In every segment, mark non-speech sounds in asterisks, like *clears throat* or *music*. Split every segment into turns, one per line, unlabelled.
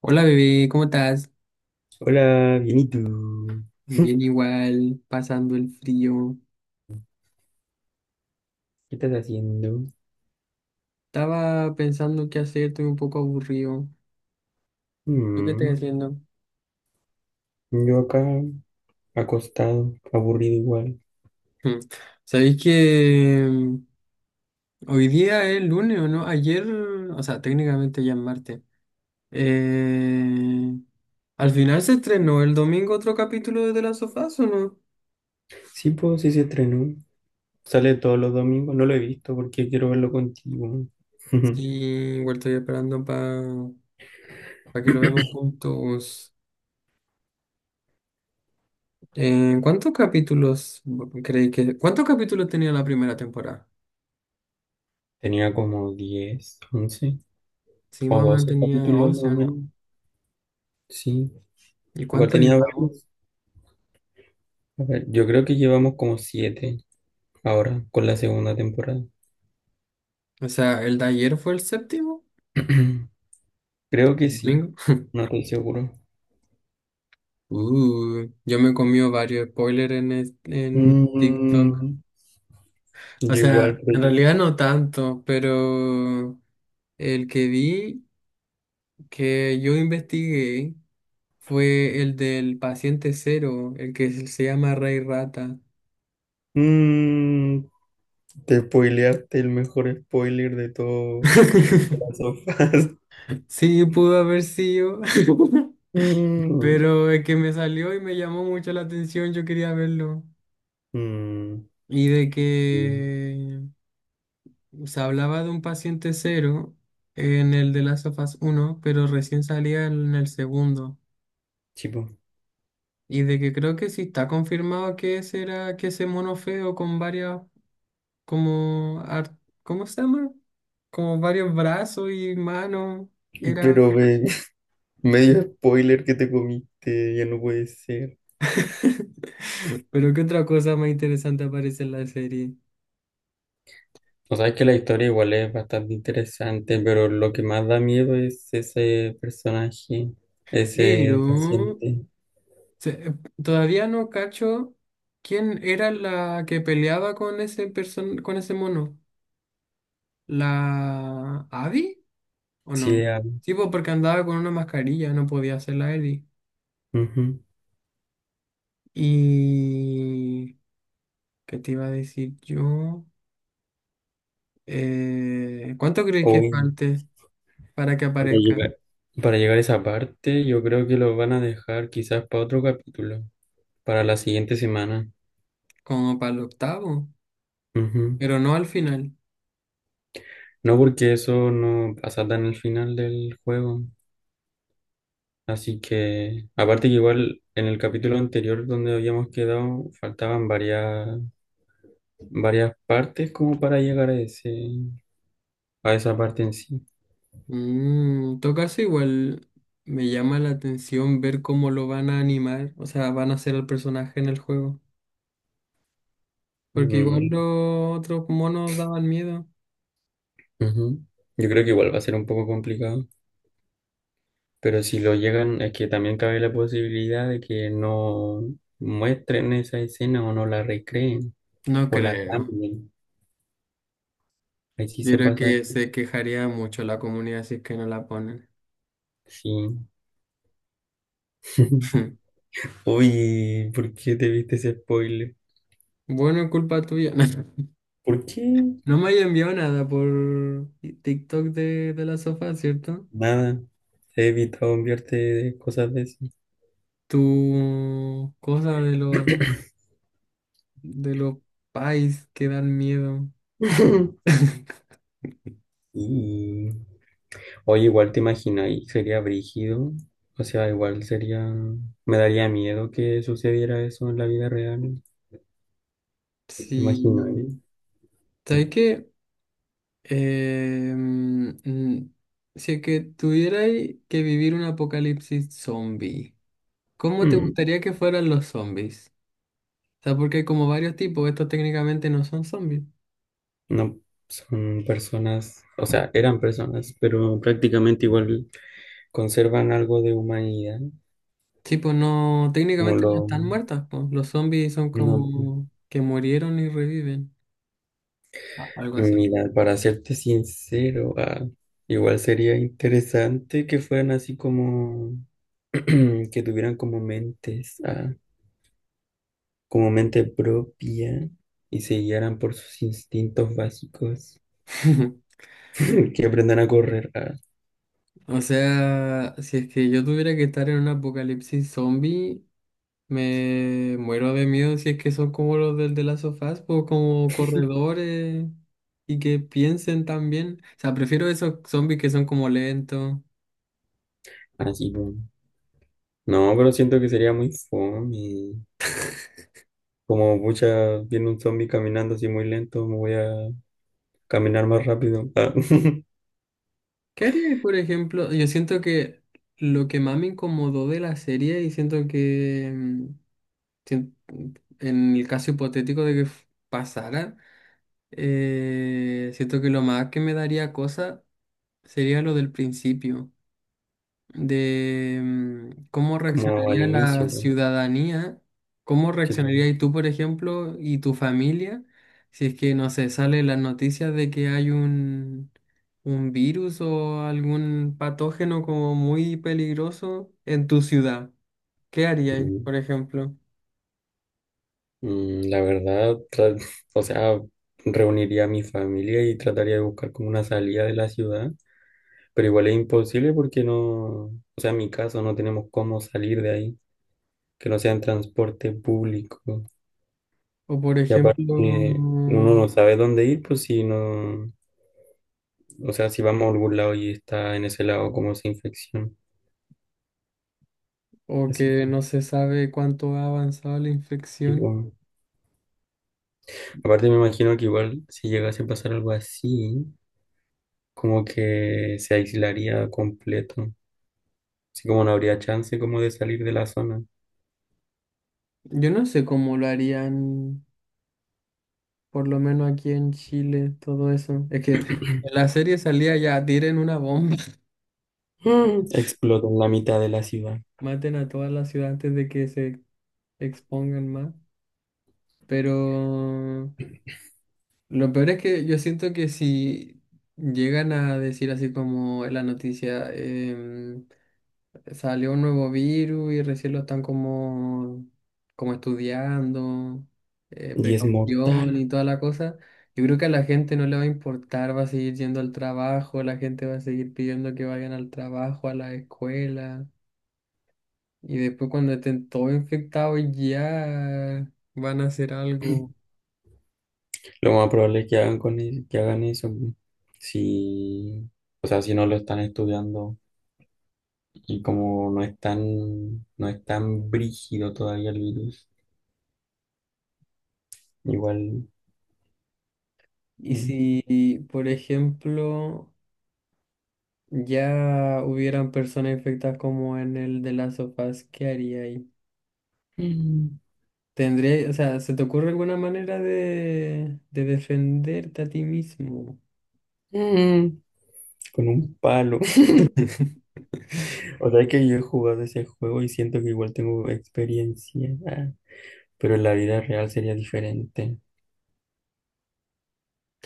Hola bebé, ¿cómo estás?
Hola, bien, ¿y tú? *laughs* ¿Qué
Bien igual, pasando el frío.
estás haciendo?
Estaba pensando qué hacer, estoy un poco aburrido. ¿Tú qué estás
Mm,
haciendo?
yo acá, acostado, aburrido igual.
Hmm. ¿Sabéis que hoy día es lunes o no? Ayer, o sea, técnicamente ya es martes. Eh, al final se estrenó el domingo otro capítulo de The Last of Us, ¿o no?
Sí, pues sí se estrenó. Sale todos los domingos, no lo he visto porque quiero verlo contigo.
Sí,
*laughs*
igual estoy esperando para que lo veamos juntos. ¿Cuántos capítulos creéis que... ¿Cuántos capítulos tenía la primera temporada?
Tenía como 10, 11
Sí,
o
más o menos
12
tenía
capítulos más
11,
o
¿no?
menos. Sí,
¿Y
igual
cuánto le
tenía
pagó?
varios. A ver, yo creo que llevamos como 7 ahora con la segunda temporada.
O sea, el de ayer fue el séptimo,
*clears throat* Creo que
el
sí,
domingo.
no estoy seguro.
Yo me he comido varios spoilers en, en TikTok.
Mm,
O
yo igual,
sea,
pues,
en realidad no tanto, pero el que vi, que yo investigué, fue el del paciente cero, el que se llama Rey Rata.
Mm, te spoileaste el mejor spoiler de todo
*laughs*
las sofás. *laughs*
Sí, pudo haber sido, *laughs*
Mm,
pero es que me salió y me llamó mucho la atención, yo quería verlo.
mm,
Y de
sí,
que se hablaba de un paciente cero en el de Last of Us 1, pero recién salía en el segundo.
chico.
Y de que creo que sí está confirmado que ese era, que ese mono feo con varias, como, ¿cómo se llama? Como varios brazos y manos, era...
Pero ve, *laughs* medio spoiler que te comiste, ya no puede ser.
*laughs* Pero qué otra cosa más interesante aparece en la serie.
O sea, es que la historia igual es bastante interesante, pero lo que más da miedo es ese personaje,
Pero
ese paciente.
Se- eh, todavía no cacho quién era la que peleaba con ese person con ese mono. ¿La Abby? ¿O no?
Sí, ah,
Sí, pues porque andaba con una mascarilla, no podía ser la Ellie.
ujú.
Y... ¿Qué te iba a decir yo? ¿Cuánto crees que
Uy,
falte para que
para
aparezca?
llegar, para llegar a esa parte, yo creo que lo van a dejar quizás para otro capítulo. Para la siguiente semana.
Como para el octavo,
Ujú.
pero no al final.
No, porque eso no pasa tan al final del juego. Así que, aparte que igual en el capítulo anterior donde habíamos quedado, faltaban varias partes como para llegar a a esa parte en sí.
En todo caso, igual me llama la atención ver cómo lo van a animar, o sea, van a hacer al personaje en el juego. Porque igual
Mm,
los otros monos daban miedo.
ujú. Yo creo que igual va a ser un poco complicado, pero si lo llegan, es que también cabe la posibilidad de que no muestren esa escena o no la recreen
No
o la
creo.
cambien. Ahí sí
Yo
se
creo
pasa,
que se quejaría mucho la comunidad si es que no la ponen.
sí. *laughs*
*laughs*
Uy, ¿por qué te viste ese spoiler?
Bueno, culpa tuya. *laughs*
¿Por qué?
No me haya enviado nada por TikTok de la sofá, ¿cierto?
Nada. He evitado enviarte de cosas de esas.
Tu cosa de los pais que dan miedo.
*laughs*
*laughs*
Y oye, igual te imaginas, y sería brígido. O sea, igual sería. Me daría miedo que sucediera eso en la vida real. ¿Te imaginas,
Sí.
eh?
¿Sabes qué? Eh, mm, mm, si es que tuvierais que vivir un apocalipsis zombie, ¿cómo te
Mm,
gustaría que fueran los zombies? O sea, porque hay como varios tipos, estos técnicamente no son zombies.
No, son personas. O sea, eran personas, pero prácticamente igual conservan algo de humanidad.
Sí, pues no,
Como
técnicamente no
lo.
están muertas, pues. Los zombies son
No,
como que murieron y reviven, algo así.
mira, para serte sincero, igual sería interesante que fueran así como *clears throat* que tuvieran como como mente propia y se guiaran por sus instintos básicos,
*laughs*
*clears throat* *laughs* que aprendan a correr,
O sea, si es que yo tuviera que estar en un apocalipsis zombie, me muero de miedo si es que son como los del de las sofás, pues como corredores y que piensen también. O sea, prefiero esos zombies que son como lentos.
así como. No, pero siento que sería muy fome. Como mucha, viene un zombie caminando así muy lento, me voy a caminar más rápido,
¿Qué haría, por ejemplo? Yo siento que lo que más me incomodó de la serie y siento que sien- en el caso hipotético de que pasara, siento que lo más que me daría cosa sería lo del principio. De cómo
*laughs* como al
reaccionaría la
inicio, pues,
ciudadanía, cómo
sí, claro.
reaccionarías tú, por ejemplo, y tu familia, si es que, no sé, sale las noticias de que hay un virus o algún patógeno como muy peligroso en tu ciudad. ¿Qué harías,
Mm.
por ejemplo?
La verdad, o sea, reuniría a mi familia y trataría de buscar como una salida de la ciudad, pero igual es imposible porque no, o sea, en mi caso no tenemos cómo salir de ahí, que no sea en transporte público.
O, por
Y
ejemplo,
aparte, uno no sabe dónde ir, pues si no, o sea, si vamos a algún lado y está en ese lado como esa infección.
o
Así
que
que,
no se sabe cuánto ha avanzado la infección.
tipo, aparte me imagino que igual si llegase a pasar algo así, como que se aislaría completo. Así como no habría chance como de salir de la zona.
Yo no sé cómo lo harían por lo menos aquí en Chile, todo eso. Es que en la serie salía ya, tiren una bomba, *laughs*
Mm. Explota en la mitad de la ciudad
maten a toda la ciudad antes de que se expongan más. Pero lo peor es que yo siento que si llegan a decir así como en la noticia, salió un nuevo virus y recién lo están como, como estudiando,
y es
precaución
mortal.
y toda la cosa. Yo creo que a la gente no le va a importar, va a seguir yendo al trabajo, la gente va a seguir pidiendo que vayan al trabajo, a la escuela. Y después cuando estén todos infectados ya van a hacer algo.
Lo más probable es que hagan con que hagan eso, pu. Si, o sea, si no lo están estudiando y como no es tan, no es tan brígido todavía el virus, igual
Y
mm,
si, por ejemplo, ya hubieran personas infectadas como en el de las sofás, ¿qué haría ahí?
mm.
Tendría, o sea, ¿se te ocurre alguna manera de defenderte a ti mismo?
Mm, con un palo. *laughs*
*laughs*
O sea, es que yo he jugado ese juego y siento que igual tengo experiencia, pero en la vida real sería diferente.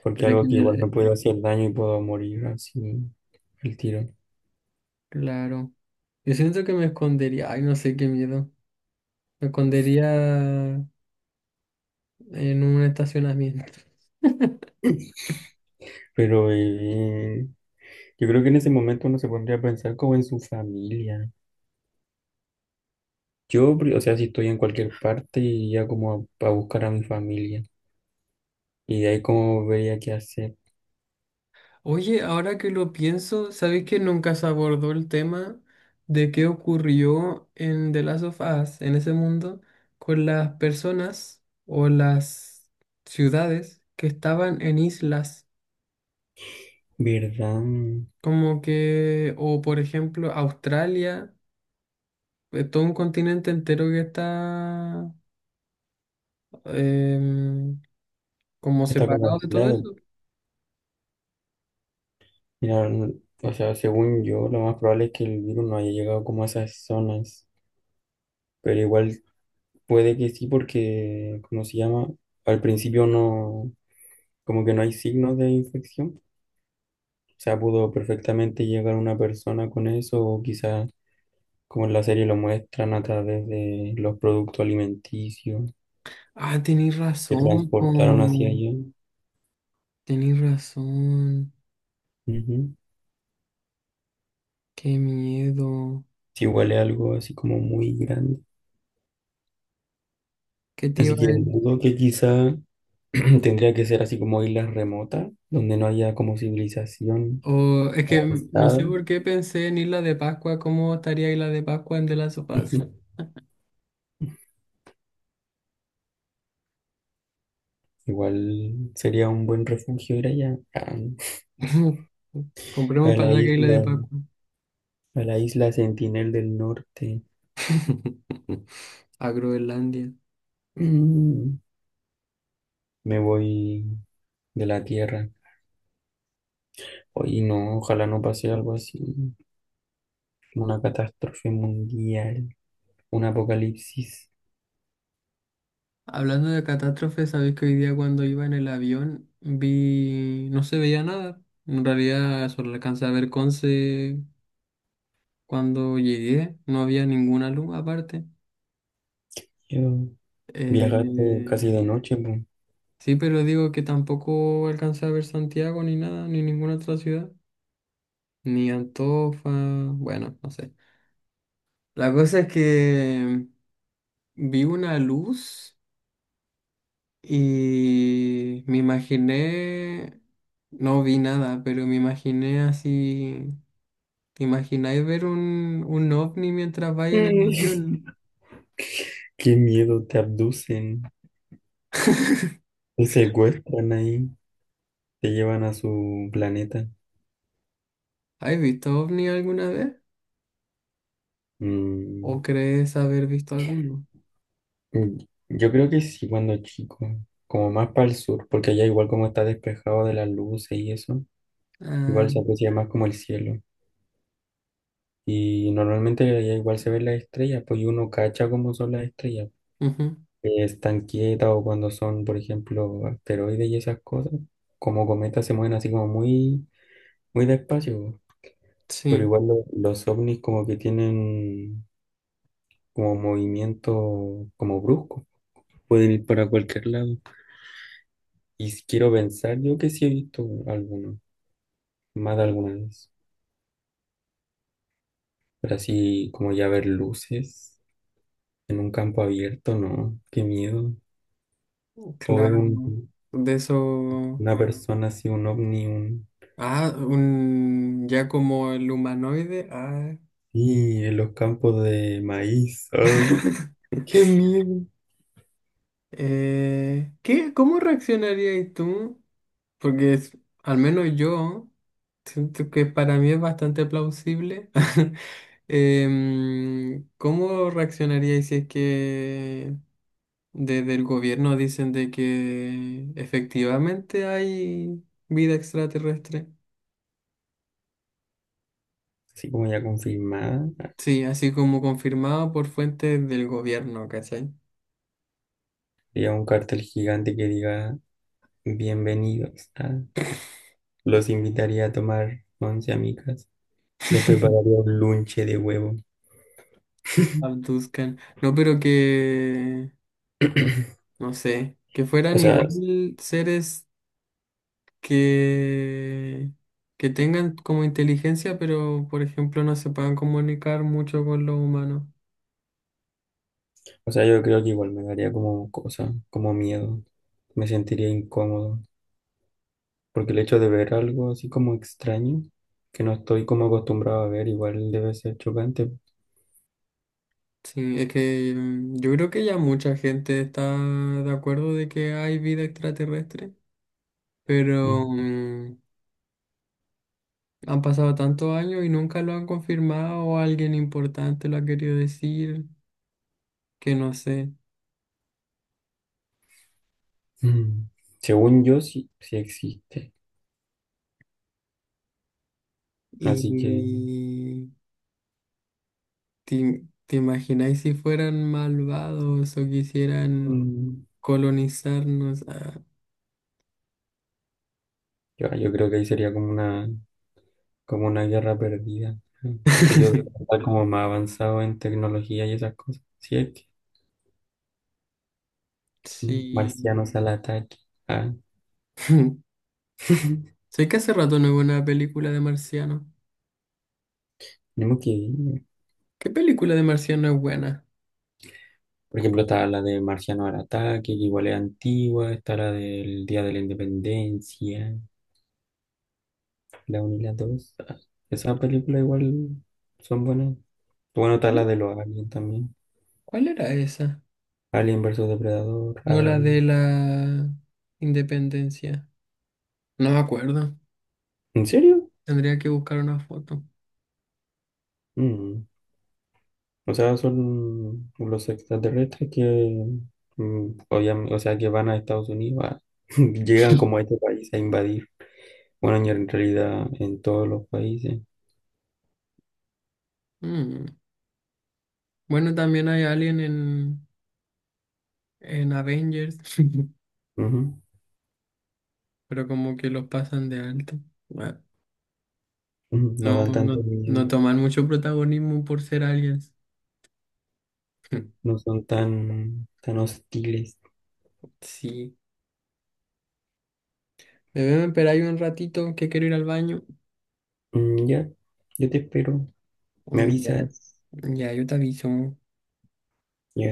Porque
Pero es que,
algo que igual me puede hacer daño y puedo morir así el tiro.
claro, yo siento que me escondería, ay, no sé qué miedo, me escondería en un estacionamiento. *laughs*
*clears throat* Pero yo creo que en ese momento uno se pondría a pensar como en su familia. Yo, o sea, si estoy en cualquier parte, iría como a buscar a mi familia. Y de ahí como vería qué hacer.
Oye, ahora que lo pienso, ¿sabes que nunca se abordó el tema de qué ocurrió en The Last of Us, en ese mundo, con las personas o las ciudades que estaban en islas?
¿Verdad?
Como que, o por ejemplo, Australia, es todo un continente entero que está em, como
Está como
separado de todo
aislado.
eso.
Mira, o sea, según yo, lo más probable es que el virus no haya llegado como a esas zonas. Pero igual puede que sí porque, ¿cómo se llama? Al principio no, como que no hay signos de infección. O sea, pudo perfectamente llegar una persona con eso, o quizás, como en la serie lo muestran, a través de los productos alimenticios
Ah, tenéis
que
razón,
transportaron hacia
po,
allá.
tenéis razón.
Ujú.
Qué miedo.
Si huele algo así como muy grande.
¿Qué te iba
Así
a
que
decir?
dudo que quizá *clears throat* tendría que ser así como islas remotas, donde no haya como civilización
O, es que no sé
avanzada.
por qué pensé en Isla de Pascua, ¿cómo estaría Isla de Pascua en De Last of
*laughs*
Us?
Ujú. Igual sería un buen refugio ir allá,
*laughs* Compremos
a
para
la
allá que Isla de
isla,
Pascua.
a la isla Sentinel del Norte.
*laughs* A Groenlandia.
Mm, Me voy de la Tierra. Hoy no, ojalá no pase algo así, una catástrofe mundial, un apocalipsis.
Hablando de catástrofes, sabéis que hoy día cuando iba en el avión vi, no se veía nada. En realidad solo alcancé a ver Conce cuando llegué, no había ninguna luz aparte.
Yo viajaste
Eh,
casi de noche, po.
sí, pero digo que tampoco alcancé a ver Santiago ni nada, ni ninguna otra ciudad, ni Antofa, bueno, no sé. La cosa es que vi una luz y me imaginé, no vi nada, pero me imaginé así. ¿Te imagináis ver un ovni mientras vais en el
Mm.
avión?
*laughs* Qué miedo, te abducen,
*laughs*
te secuestran ahí, te llevan a su planeta.
¿Has visto ovni alguna vez?
Mm,
¿O crees haber visto alguno?
mm, yo creo que sí, cuando chico, como más para el sur, porque allá igual como está despejado de las luces y eso,
Ah,
igual se aprecia más como el cielo. Y normalmente allá igual se ven las estrellas, pues y uno cacha cómo son las estrellas,
ujú,
que están quietas o cuando son, por ejemplo, asteroides y esas cosas, como cometas se mueven así como muy despacio, po. Pero
sí,
igual los ovnis como que tienen como movimiento como brusco, pueden ir para cualquier lado. Y si quiero pensar, yo que sí he visto alguno, más de alguna vez, pero así como ya ver luces en un campo abierto, no, qué miedo. O ver
claro.
un,
De eso.
una persona así, un ovni, un...
Ah, un... ya como el humanoide. Ah.
Y en los campos de maíz,
*laughs*
¡qué miedo!
¿Qué? ¿Cómo reaccionarías tú? Porque al menos yo siento que para mí es bastante plausible. *laughs* ¿Cómo reaccionaríais si es que desde el gobierno dicen de que efectivamente hay vida extraterrestre?
Así como ya confirmada,
Sí, así como confirmado por fuentes del gobierno, ¿cachai?
había un cartel gigante que diga, bienvenidos, los invitaría a tomar once amigas. Les prepararía
*laughs*
un lunche de huevo.
Abduzcan. No, pero que,
*clears throat*
no sé, que
O
fueran
sea,
igual seres que, que tengan como inteligencia, pero por ejemplo no se puedan comunicar mucho con los humanos.
o sea, yo creo que igual me daría como cosa, como miedo. Me sentiría incómodo. Porque el hecho de ver algo así como extraño, que no estoy como acostumbrado a ver, igual debe ser chocante.
Sí, es que yo creo que ya mucha gente está de acuerdo de que hay vida extraterrestre, pero
Mm.
han pasado tantos años y nunca lo han confirmado o alguien importante lo ha querido decir, que no sé.
Mm, Según yo, sí, sí existe. Así que
Y te imagináis si fueran malvados o quisieran
mm,
colonizarnos. Ah.
yo creo que ahí sería como como una guerra perdida, ¿no? Porque yo
*laughs*
está como más avanzado en tecnología y esas cosas. Sí, es que
Sí.
marcianos al ataque. Ah,
*laughs*
*laughs*
Sé que hace rato no veo una película de marciano.
tenemos que ir.
¿Qué película de marciano es buena?
Por ejemplo, está la de Marciano al ataque, que igual es antigua. Está la del Día de la Independencia, la 1 y la dos. Ah, esas películas igual son buenas. Bueno, está la
¿Cuál
de los aliens también.
cuál era esa?
Alien versus Depredador,
No la de
Alien.
la independencia. No me acuerdo.
¿En serio?
Tendría que buscar una foto.
Mm. O sea, son los extraterrestres que, o sea, que van a Estados Unidos, *laughs* llegan como a
*laughs*
este país a invadir. Bueno, y en realidad en todos los países.
Mm. Bueno, también hay alien en Avengers, *laughs*
Ujú.
pero como que los pasan de alto. Bueno,
Ujú. No
no,
dan tanto
no,
miedo,
no toman mucho protagonismo por ser aliens. *laughs*
no son tan, tan hostiles.
Sí. Debemos esperar ahí un ratito que quiero ir al baño.
Mm, ya, yo te espero, me
Mm, ya,
avisas.
ya, yo te aviso.
Ya.